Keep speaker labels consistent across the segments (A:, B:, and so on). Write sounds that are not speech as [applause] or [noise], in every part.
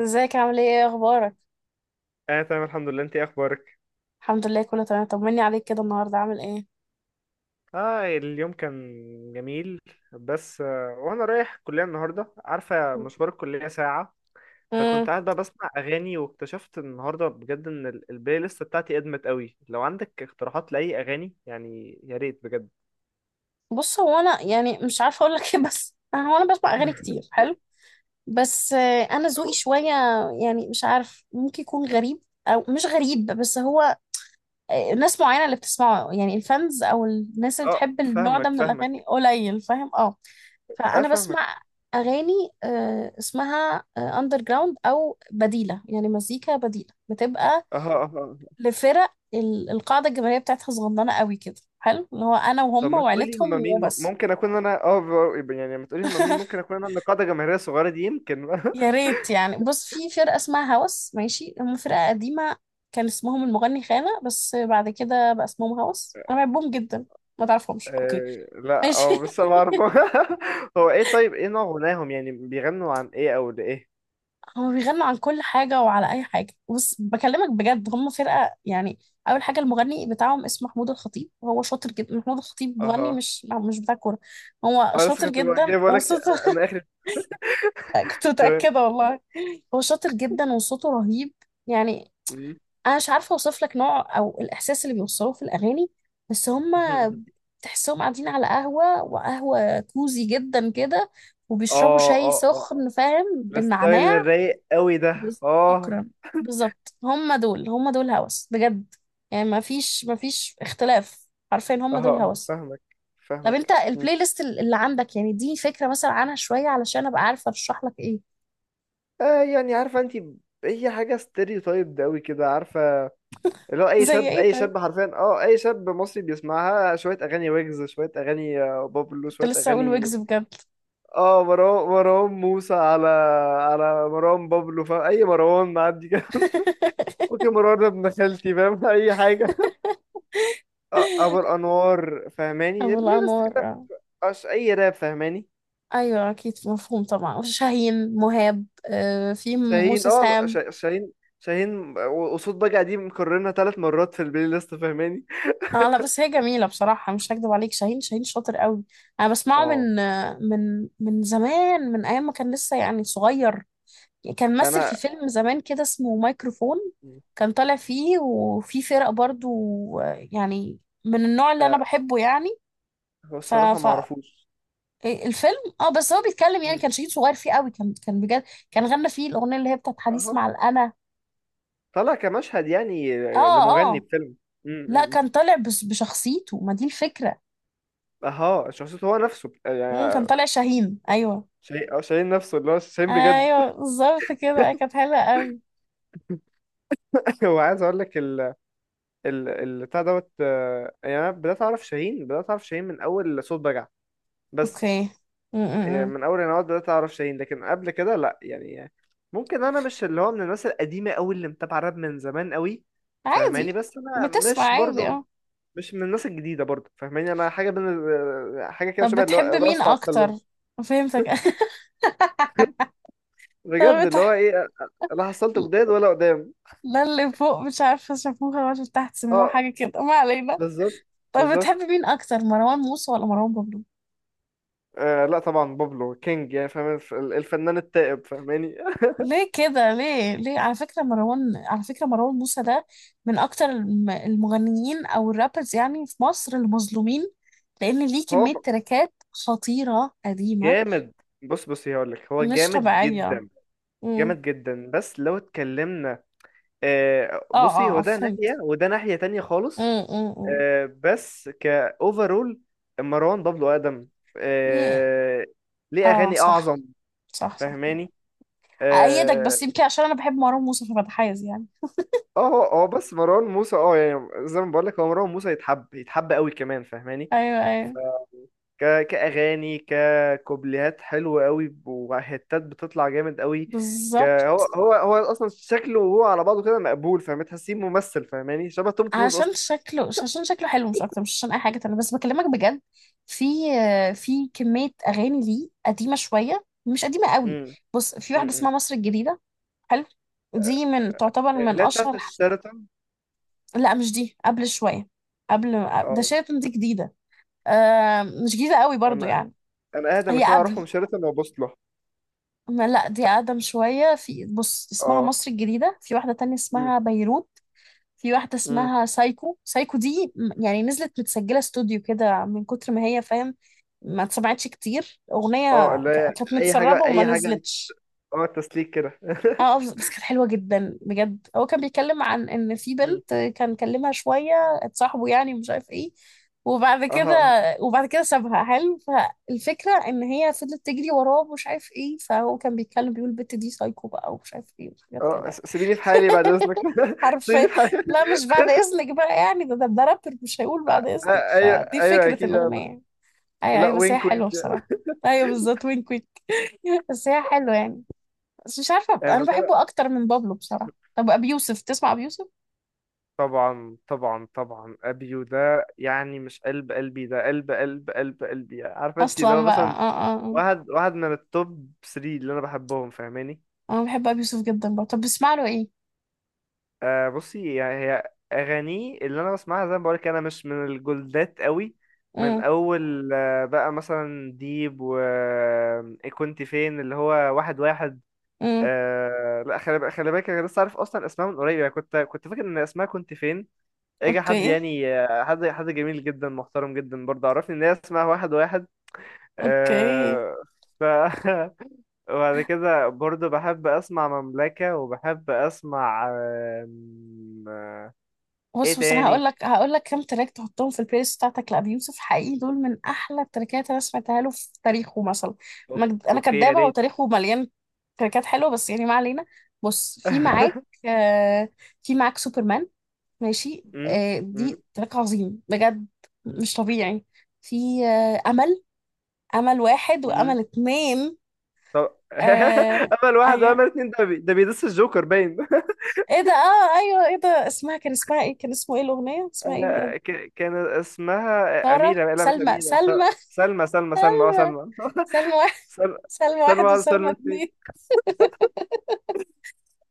A: ازيك؟ عامل ايه؟ ايه اخبارك؟
B: اه، تمام، الحمد لله. انت ايه اخبارك؟
A: الحمد لله، كله تمام. طمني عليك، كده النهارده عامل ايه؟
B: اه اليوم كان جميل. بس وانا رايح الكليه النهارده، عارفه مشوار الكليه ساعه. فكنت
A: امم
B: قاعد بقى بسمع اغاني، واكتشفت النهارده بجد ان البلاي ليست بتاعتي ادمت قوي. لو عندك اقتراحات لاي اغاني يعني، يا ريت بجد.
A: بص، هو انا يعني مش عارفه اقول لك ايه، بس هو انا بسمع اغاني كتير.
B: [laughs]
A: حلو. بس انا ذوقي
B: اه
A: شويه. يعني مش عارف، ممكن يكون غريب او مش غريب، بس هو ناس معينه اللي بتسمعه، يعني الفانز او الناس اللي بتحب النوع
B: فاهمك،
A: ده من
B: فاهمك.
A: الاغاني قليل. فاهم؟ اه.
B: اه
A: فانا
B: فاهمك.
A: بسمع اغاني اسمها اندر جراوند او بديله، يعني مزيكا بديله بتبقى
B: اه، اه. آه. أه.
A: لفرق القاعدة الجماهيرية بتاعتها صغننة قوي كده. حلو، اللي هو انا
B: طب،
A: وهم
B: ما تقولي
A: وعيلتهم
B: هما مين،
A: وبس.
B: ممكن اكون انا، يعني ما تقولي هما مين ممكن
A: [laughs]
B: اكون انا النقاده الجماهيريه الصغيره دي، يمكن. [laughs]
A: يا ريت يعني، بص، في فرقة اسمها هوس، ماشي؟ هم فرقة قديمة. كان اسمهم المغني خانة، بس بعد كده بقى اسمهم هوس. انا بحبهم جدا. ما تعرفهمش؟ اوكي،
B: لا،
A: ماشي.
B: بس ما اعرف. [laughs] هو ايه؟ طيب، ايه نوع غناهم؟ يعني بيغنوا عن ايه او لايه؟
A: [laughs] هم بيغنوا عن كل حاجة وعلى اي حاجة. بص، بكلمك بجد، هم فرقة يعني. اول حاجة، المغني بتاعهم اسمه محمود الخطيب، وهو شاطر جدا. محمود الخطيب مغني،
B: اها.
A: مش بتاع كورة. هو
B: انا لسه
A: شاطر
B: كنت بقى
A: جدا
B: جاي بقولك،
A: وصوته.
B: انا
A: [laughs]
B: اخر.
A: [laughs] كنت
B: تمام.
A: متأكدة والله. هو شاطر جدا وصوته رهيب، يعني.
B: مم.
A: أنا مش عارفة أوصف لك نوع أو الإحساس اللي بيوصلوه في الأغاني، بس هما
B: [laughs]
A: تحسهم قاعدين على قهوة، وقهوة كوزي جدا كده، وبيشربوا
B: اه،
A: شاي
B: اه، اه، اه.
A: سخن، فاهم،
B: الستايل
A: بالنعناع.
B: الرايق قوي ده،
A: بس-
B: اه.
A: شكرا. بالظبط، هما دول هما دول هوس بجد. يعني ما فيش اختلاف. عارفين؟ هما دول
B: اه
A: هوس.
B: فاهمك،
A: طب انت
B: فاهمك. مم.
A: البلاي ليست اللي عندك، يعني دي فكرة مثلا عنها شوية، علشان ابقى عارفة ارشح لك ايه؟
B: يعني عارفه انت، اي حاجه ستيريوتايب ده قوي كده، عارفه. اللي هو اي
A: [laughs] زي
B: شاب،
A: ايه
B: اي
A: طيب؟
B: شاب حرفيا، اي شاب مصري بيسمعها شويه اغاني ويجز، شويه اغاني بابلو،
A: كنت
B: شويه
A: لسه اقول
B: اغاني.
A: ويجز بجد.
B: مروان موسى، على مروان بابلو. فاهم اي مروان معدي كده. [laughs]
A: [laughs]
B: اوكي، مروان ده ابن خالتي، فاهم. [laughs] اي حاجه. ابو الانوار، فاهماني
A: ابو
B: بلاي ليست
A: الانوار،
B: كده.
A: آه.
B: مبقاش اي راب، فاهماني.
A: ايوه، اكيد مفهوم طبعا. شاهين، مهاب، في
B: شاهين
A: موسى، سام.
B: شاهين. شاهين وصوت بقى، دي مكررنا ثلاث مرات في البلاي ليست، فاهماني.
A: اه، لا، بس هي جميله بصراحه، مش هكدب عليك. شاهين، شاهين شاطر قوي. انا بسمعه
B: اه
A: من زمان، من ايام ما كان لسه يعني صغير. كان مثل
B: انا
A: في فيلم زمان كده اسمه مايكروفون. كان طالع فيه، وفي فرق برضو. يعني من النوع اللي انا
B: آه،
A: بحبه يعني.
B: هو
A: ف...
B: الصراحه
A: ف
B: ما اعرفوش.
A: إيه، الفيلم. اه، بس هو بيتكلم يعني،
B: مم.
A: كان شهيد صغير فيه قوي، كان بجد. كان غنى فيه الاغنيه اللي هي بتاعت حديث
B: اهو،
A: مع الانا.
B: طلع كمشهد يعني،
A: اه،
B: لمغني
A: اه،
B: في فيلم. مم، مم،
A: لا،
B: مم.
A: كان طالع بس بشخصيته، ما دي الفكره.
B: اها، شخصيته هو نفسه
A: مم، كان
B: يعني.
A: طالع شاهين، ايوه.
B: شيء، شايل نفسه اللي هو شاهين بجد.
A: ايوه، بالظبط كده، كانت حلوه قوي.
B: [laughs] هو عايز اقول لك ال البتاع دوت، يعني انا بدات اعرف شاهين، بدات اعرف شاهين من اول صوت بجع. بس
A: اوكي. امم
B: من اول انا بدات اعرف شاهين، لكن قبل كده لا يعني. ممكن انا مش اللي هو من الناس القديمه قوي اللي متابعه راب من زمان قوي، فاهماني.
A: عادي.
B: بس انا
A: بتسمع
B: مش
A: عادي،
B: برضو،
A: اه.
B: مش من الناس الجديده برضو، فاهماني. انا حاجه بين حاجه كده
A: طب
B: شبه اللي هو
A: بتحب مين
B: الراس على
A: اكتر؟
B: السلم،
A: فهمتك. [laughs] طب
B: بجد اللي هو
A: بتح...
B: ايه، لا حصلت جداد ولا قدام.
A: لا، اللي فوق مش عارفه شافوها ولا تحت سموها،
B: اه
A: حاجه كده، ما علينا.
B: بالظبط.
A: طب بتحب
B: بالظبط.
A: مين اكتر، مروان موسى ولا مروان بابلو؟
B: لا طبعا، بابلو كينج يعني فاهم، الفنان التائب، فاهماني. [laughs]
A: ليه كده؟ ليه؟ على فكرة مروان، على فكرة مروان موسى ده من أكتر المغنيين أو الرابرز، يعني في مصر، المظلومين. لأن ليه
B: هو
A: كمية تراكات خطيرة قديمة
B: جامد. بص، بص، هقول لك، هو
A: مش
B: جامد
A: طبيعية.
B: جدا،
A: امم
B: جامد جدا. بس لو اتكلمنا،
A: اه،
B: بصي،
A: اه،
B: هو ده ناحية
A: فهمت.
B: وده ناحية تانية خالص.
A: امم امم
B: بس كأوفرول، مروان بابلو أقدم،
A: يه.
B: آه ليه
A: اه،
B: أغاني
A: صح،
B: أعظم،
A: صح، صح.
B: فاهماني.
A: أأيدك،
B: اه
A: بس يمكن عشان أنا بحب مروان موسى فبتحيز يعني.
B: اه هو بس مروان موسى، يعني زي ما بقول لك، هو مروان موسى يتحب، يتحب قوي كمان، فاهماني.
A: أيوه، أيوه،
B: كأغاني، ككوبليهات حلوة قوي، وهتات بتطلع جامد قوي.
A: بالظبط.
B: هو أصلا شكله، وهو على بعضه كده مقبول، فاهم، تحسيه ممثل، فاهماني، شبه توم كروز
A: عشان
B: أصلا.
A: شكله، مش عشان شكله حلو، مش اكتر، مش عشان اي حاجه تانية، بس بكلمك بجد. في في كميه اغاني ليه قديمه شويه، مش قديمه قوي.
B: امم،
A: بص، في واحده
B: امم.
A: اسمها مصر الجديده. حلو. دي من تعتبر من
B: لا، بتاعت
A: اشهر.
B: الشيراتون.
A: لا، مش دي، قبل شويه. قبل ده،
B: اه
A: شايف؟ دي جديده. مش جديده قوي برضو
B: أنا
A: يعني.
B: أنا أقدم
A: هي
B: اتنين أعرفهم،
A: قبل
B: شيراتون وبوصلة.
A: ما، لا، دي اقدم شويه. في، بص، اسمها
B: اه.
A: مصر الجديده. في واحده تانية
B: امم،
A: اسمها بيروت. في واحدة
B: امم.
A: اسمها سايكو. سايكو دي يعني نزلت متسجلة استوديو كده من كتر ما هي، فاهم. ما اتسمعتش كتير.
B: اه
A: أغنية
B: اللي هي
A: كانت
B: أي حاجة،
A: متسربة وما
B: أي حاجة.
A: نزلتش.
B: اه تسليك كده.
A: اه، بس
B: [laughs]
A: بس كانت حلوة جدا بجد. هو كان بيتكلم عن ان في
B: مم.
A: بنت كان كلمها شوية، اتصاحبوا يعني، مش عارف ايه، وبعد كده،
B: اه
A: وبعد كده سابها. حلو، فالفكرة ان هي فضلت تجري وراه، ومش عارف ايه، فهو كان بيتكلم بيقول البت دي سايكو بقى، ومش عارف ايه، وحاجات كده يعني.
B: سيبيني في حالي بعد اذنك.
A: [laughs]
B: [laughs] سيبيني
A: عارفة.
B: في حالي.
A: لا، مش بعد إذنك بقى يعني. ده رابر مش هيقول بعد إذنك،
B: ايوه،
A: فدي
B: ايوه،
A: فكرة
B: اكيد يا عم.
A: الأغنية يعني. أيوة،
B: لا،
A: أيوة، بس هي
B: وينك،
A: حلوة
B: وينك.
A: بصراحة. أيوة بالظبط، وين كويك. [laughs] بس هي حلوة يعني. بس مش عارفة، أنا
B: آه،
A: بحبه أكتر من بابلو بصراحة. طب أبي يوسف، تسمع أبي يوسف؟
B: طبعا، طبعا، طبعا، ابيو ده يعني مش قلب قلبي، ده قلب قلب قلب قلبي، يعني عارفه انت، اللي هو
A: أصلا بقى،
B: مثلا
A: آه، آه، آه.
B: واحد واحد من التوب 3 اللي انا بحبهم، فاهماني.
A: أنا بحب أبي يوسف جدا بقى. طب بسمع له إيه؟
B: بصي، يعني هي اغانيه اللي انا بسمعها، زي ما بقولك، انا مش من الجولدات قوي. من
A: امم
B: اول بقى مثلا ديب، و إيه كنت فين، اللي هو واحد واحد.
A: امم
B: لا، خلي بالك، خلي بالك، انا لسه عارف اصلا اسمها من قريب، يعني كنت فاكر ان اسمها كنت فين. اجى حد
A: أوكي،
B: يعني، حد جميل جدا، محترم جدا برضه، عرفني ان هي اسمها واحد واحد.
A: أوكي.
B: آه، ف [laughs] وبعد كده برضه بحب اسمع مملكة، وبحب اسمع. آم، آه، ايه
A: بص، انا هقول
B: تاني؟
A: لك هقول لك كام تراك تحطهم في البلاي ليست بتاعتك لابي يوسف. حقيقي دول من احلى التراكات انا سمعتها له في تاريخه، مثلا. انا
B: اوكي، يا
A: كدابه،
B: ريت.
A: وتاريخه مليان تراكات حلوه، بس يعني ما علينا. بص،
B: [laughs]
A: آه في معاك سوبرمان. ماشي،
B: أمم،
A: دي
B: أمم،
A: تراك عظيم بجد.
B: أمم،
A: مش طبيعي. في آه امل امل واحد
B: أمم.
A: وامل اتنين.
B: طب،
A: آه
B: [laughs] امل واحد
A: ايوه،
B: وامل اتنين، ده بيدس الجوكر باين. [laughs]
A: ايه ده، اه، ايوه، ايه ده، اسمها، كان اسمها ايه، كان اسمه ايه الاغنيه، اسمها ايه بجد.
B: كان اسمها
A: سارة،
B: اميرة، لا مش
A: سلمى،
B: اميرة.
A: سلمى.
B: سلمى، سلمى، سلمى،
A: [laughs] سلمى،
B: سلمى.
A: سلمى واحد،
B: سنة
A: سلمى
B: سنة
A: واحد
B: واحدة،
A: وسلمى
B: سنة اتنين.
A: اتنين.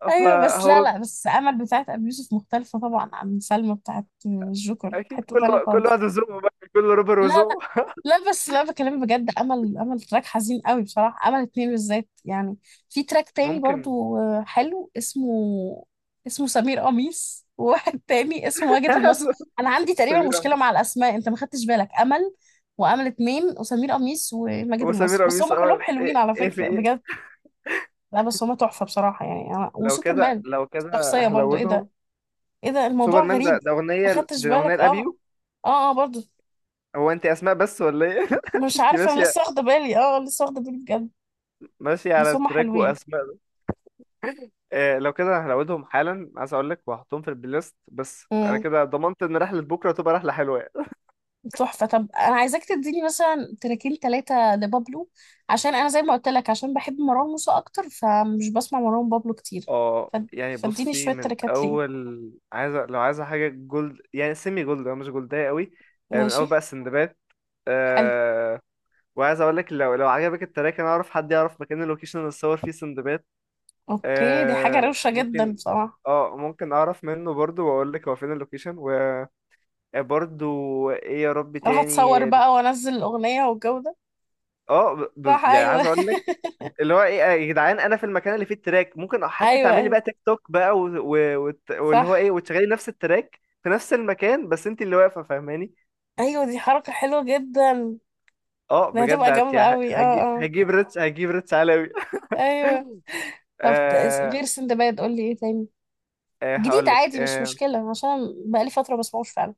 B: [laughs]
A: ايوه، بس، لا،
B: فهو
A: لا، بس امل بتاعت ابي يوسف مختلفه طبعا عن سلمى بتاعت الجوكر،
B: أكيد،
A: حته تانية
B: كل
A: خالص.
B: واحد وذوقه بقى، كل رابر
A: لا، لا،
B: وذوقه.
A: لا، بس لا، بكلم بجد، امل، امل تراك حزين قوي بصراحه، امل اتنين بالذات يعني. في تراك تاني
B: ممكن.
A: برضو، حلو، اسمه، اسمه سمير قميص، وواحد تاني اسمه واجد المصري.
B: [laughs]
A: انا عندي تقريبا
B: سمير
A: مشكله مع
B: قميص،
A: الاسماء. انت ما خدتش بالك؟ امل وامل اتنين وسمير قميص وماجد المصري،
B: وسمير
A: بس
B: قميص.
A: هم كلهم
B: اه
A: حلوين
B: ايه
A: على
B: إيه في
A: فكره
B: ايه؟
A: بجد. لا، بس هما تحفة بصراحة يعني. أنا وسوبرمان
B: لو كده
A: شخصية برضو. إيه ده،
B: هلودهم.
A: إيه ده، الموضوع
B: سوبرمان،
A: غريب.
B: ده
A: ما
B: أغنية،
A: خدتش
B: دي أغنية
A: بالك؟ أه،
B: لأبيو.
A: أه، أه، برضو.
B: هو أنت أسماء بس ولا ايه؟ [laughs]
A: مش
B: أنت
A: عارف، أنا
B: ماشية،
A: لسه واخدة بالي، أه، لسه واخدة بالي بجد.
B: ماشية على
A: بس هما
B: التراك
A: حلوين.
B: وأسماء. إيه، لو كده هلودهم حالا، عايز أقول لك وهحطهم في البلاي ليست. بس أنا
A: امم
B: كده ضمنت إن رحلة بكرة تبقى رحلة حلوة يعني.
A: تحفة. طب أنا عايزاك تديني مثلا تراكين 3 لبابلو، عشان أنا زي ما قلت لك، عشان بحب مروان موسى أكتر، فمش بسمع مروان بابلو كتير.
B: اه
A: ف-
B: يعني
A: فاديني
B: بصي،
A: شوية
B: من
A: تراكات ليه.
B: اول، لو عايزه حاجه جولد، يعني سيمي جولد، أو مش جولدية قوي. من
A: ماشي،
B: اول بقى السندباد.
A: حلو،
B: أه وعايز اقول لك، لو عجبك التراك، انا اعرف حد يعرف مكان اللوكيشن اللي اتصور فيه سندباد.
A: أوكي. دي حاجة
B: أه،
A: روشة جدا
B: ممكن.
A: بصراحة.
B: اه ممكن اعرف منه برضو، واقول لك هو فين اللوكيشن. وبرضو ايه يا رب
A: أروح
B: تاني.
A: أتصور بقى وأنزل الأغنية والجو ده. صح،
B: يعني
A: ايوه.
B: عايز اقول لك،
A: [laughs]
B: اللي هو ايه، يا جدعان، انا في المكان اللي فيه التراك، ممكن حتى
A: ايوه،
B: تعملي
A: ايوه،
B: بقى تيك توك بقى، واللي
A: صح،
B: هو ايه، وتشغلي نفس التراك في نفس المكان، بس انت اللي واقفه، فاهماني.
A: ايوه، دي حركة حلوة جدا.
B: اه
A: ده
B: بجد،
A: هتبقى جامدة
B: يعني
A: قوي، اه، اه،
B: هجيب ريتش، هجيب ريتش عالمي.
A: ايوه.
B: [laughs]
A: طب، غير
B: آه...
A: سندباد قول لي ايه تاني، جديد
B: هقول لك.
A: عادي مش مشكلة، عشان بقالي فترة بسمعوش فعلا.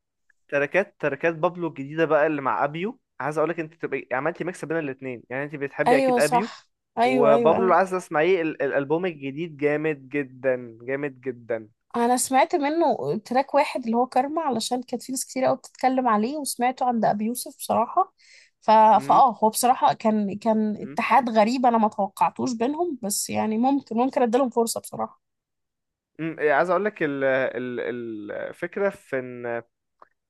B: تراكات بابلو الجديده بقى اللي مع ابيو، عايز اقول لك انت تبقى عملتي ميكس بين الاثنين، يعني انت بتحبي
A: ايوه،
B: اكيد ابيو
A: صح، ايوه، ايوه،
B: وبابلو. اللي
A: ايوه.
B: عايز اسمعيه الالبوم الجديد جامد جدا، جامد جدا.
A: انا سمعت منه تراك واحد اللي هو كارما، علشان كانت في ناس كتير قوي بتتكلم عليه، وسمعته عند ابي يوسف بصراحة. ف...
B: امم.
A: فاه هو بصراحة كان
B: إمم.
A: اتحاد غريب، انا ما توقعتوش بينهم، بس يعني ممكن اديلهم فرصة بصراحة.
B: مم، إيه، عايز اقول لك ال ال الفكره في ان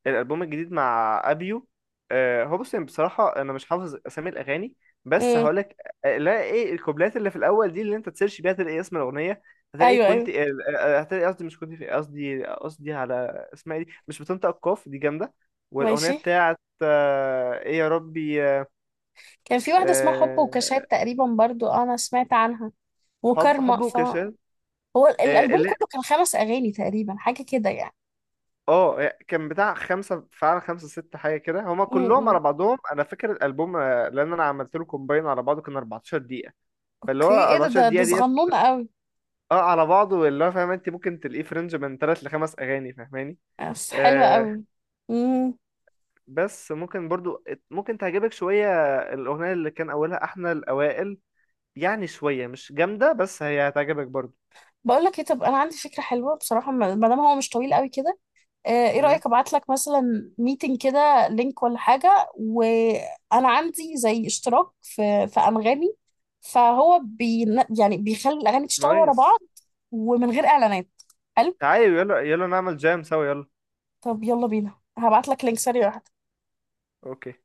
B: الالبوم الجديد مع ابيو. هو بص، يعني بصراحه انا مش حافظ اسامي الاغاني، بس
A: امم
B: هقول لك. لا، ايه الكوبلات اللي في الاول دي، اللي انت تسيرش بيها تلاقي اسم الاغنيه. هتلاقي
A: ايوه،
B: كنت
A: ايوه،
B: هتلاقي قصدي، مش كنت في، قصدي على اسمها إيه، دي مش بتنطق القاف دي، جامده. والاغنيه
A: ماشي.
B: بتاعت ايه يا ربي،
A: كان في واحدة اسمها حب وكاشات تقريبا برضو، أنا سمعت عنها وكارما.
B: حب وكسل.
A: هو الألبوم كله كان 5 أغاني تقريبا، حاجة كده يعني.
B: كان بتاع خمسة فعلا، خمسة ست حاجة كده هما كلهم على
A: امم
B: بعضهم. أنا فاكر الألبوم، لأن أنا عملت له كومباين على بعضه كان 14 دقيقة. فاللي هو
A: أوكي، إيه ده،
B: 14
A: ده
B: دقيقة ديت.
A: صغنون قوي.
B: اه على بعضه اللي هو فاهم، انت ممكن تلاقيه في رينج من تلات لخمس أغاني، فاهماني.
A: بس حلوة
B: آه
A: قوي. امم
B: بس ممكن برضو، ممكن تعجبك شوية. الأغنية اللي كان أولها إحنا الأوائل، يعني شوية مش جامدة، بس هي هتعجبك برضو.
A: بقول لك إيه، طب أنا عندي فكرة حلوة بصراحة، ما دام هو مش طويل قوي كده. ايه
B: مم.
A: رأيك، ابعت لك مثلا ميتنج كده، لينك ولا حاجة، وانا عندي زي اشتراك في انغامي. فهو يعني بيخلي الاغاني تشتغل ورا بعض،
B: نايس.
A: ومن غير اعلانات. حلو.
B: تعالي، يلا، يلا نعمل جام سوا، يلا.
A: طب، يلا بينا، هبعت لك لينك سريع.
B: أوكي.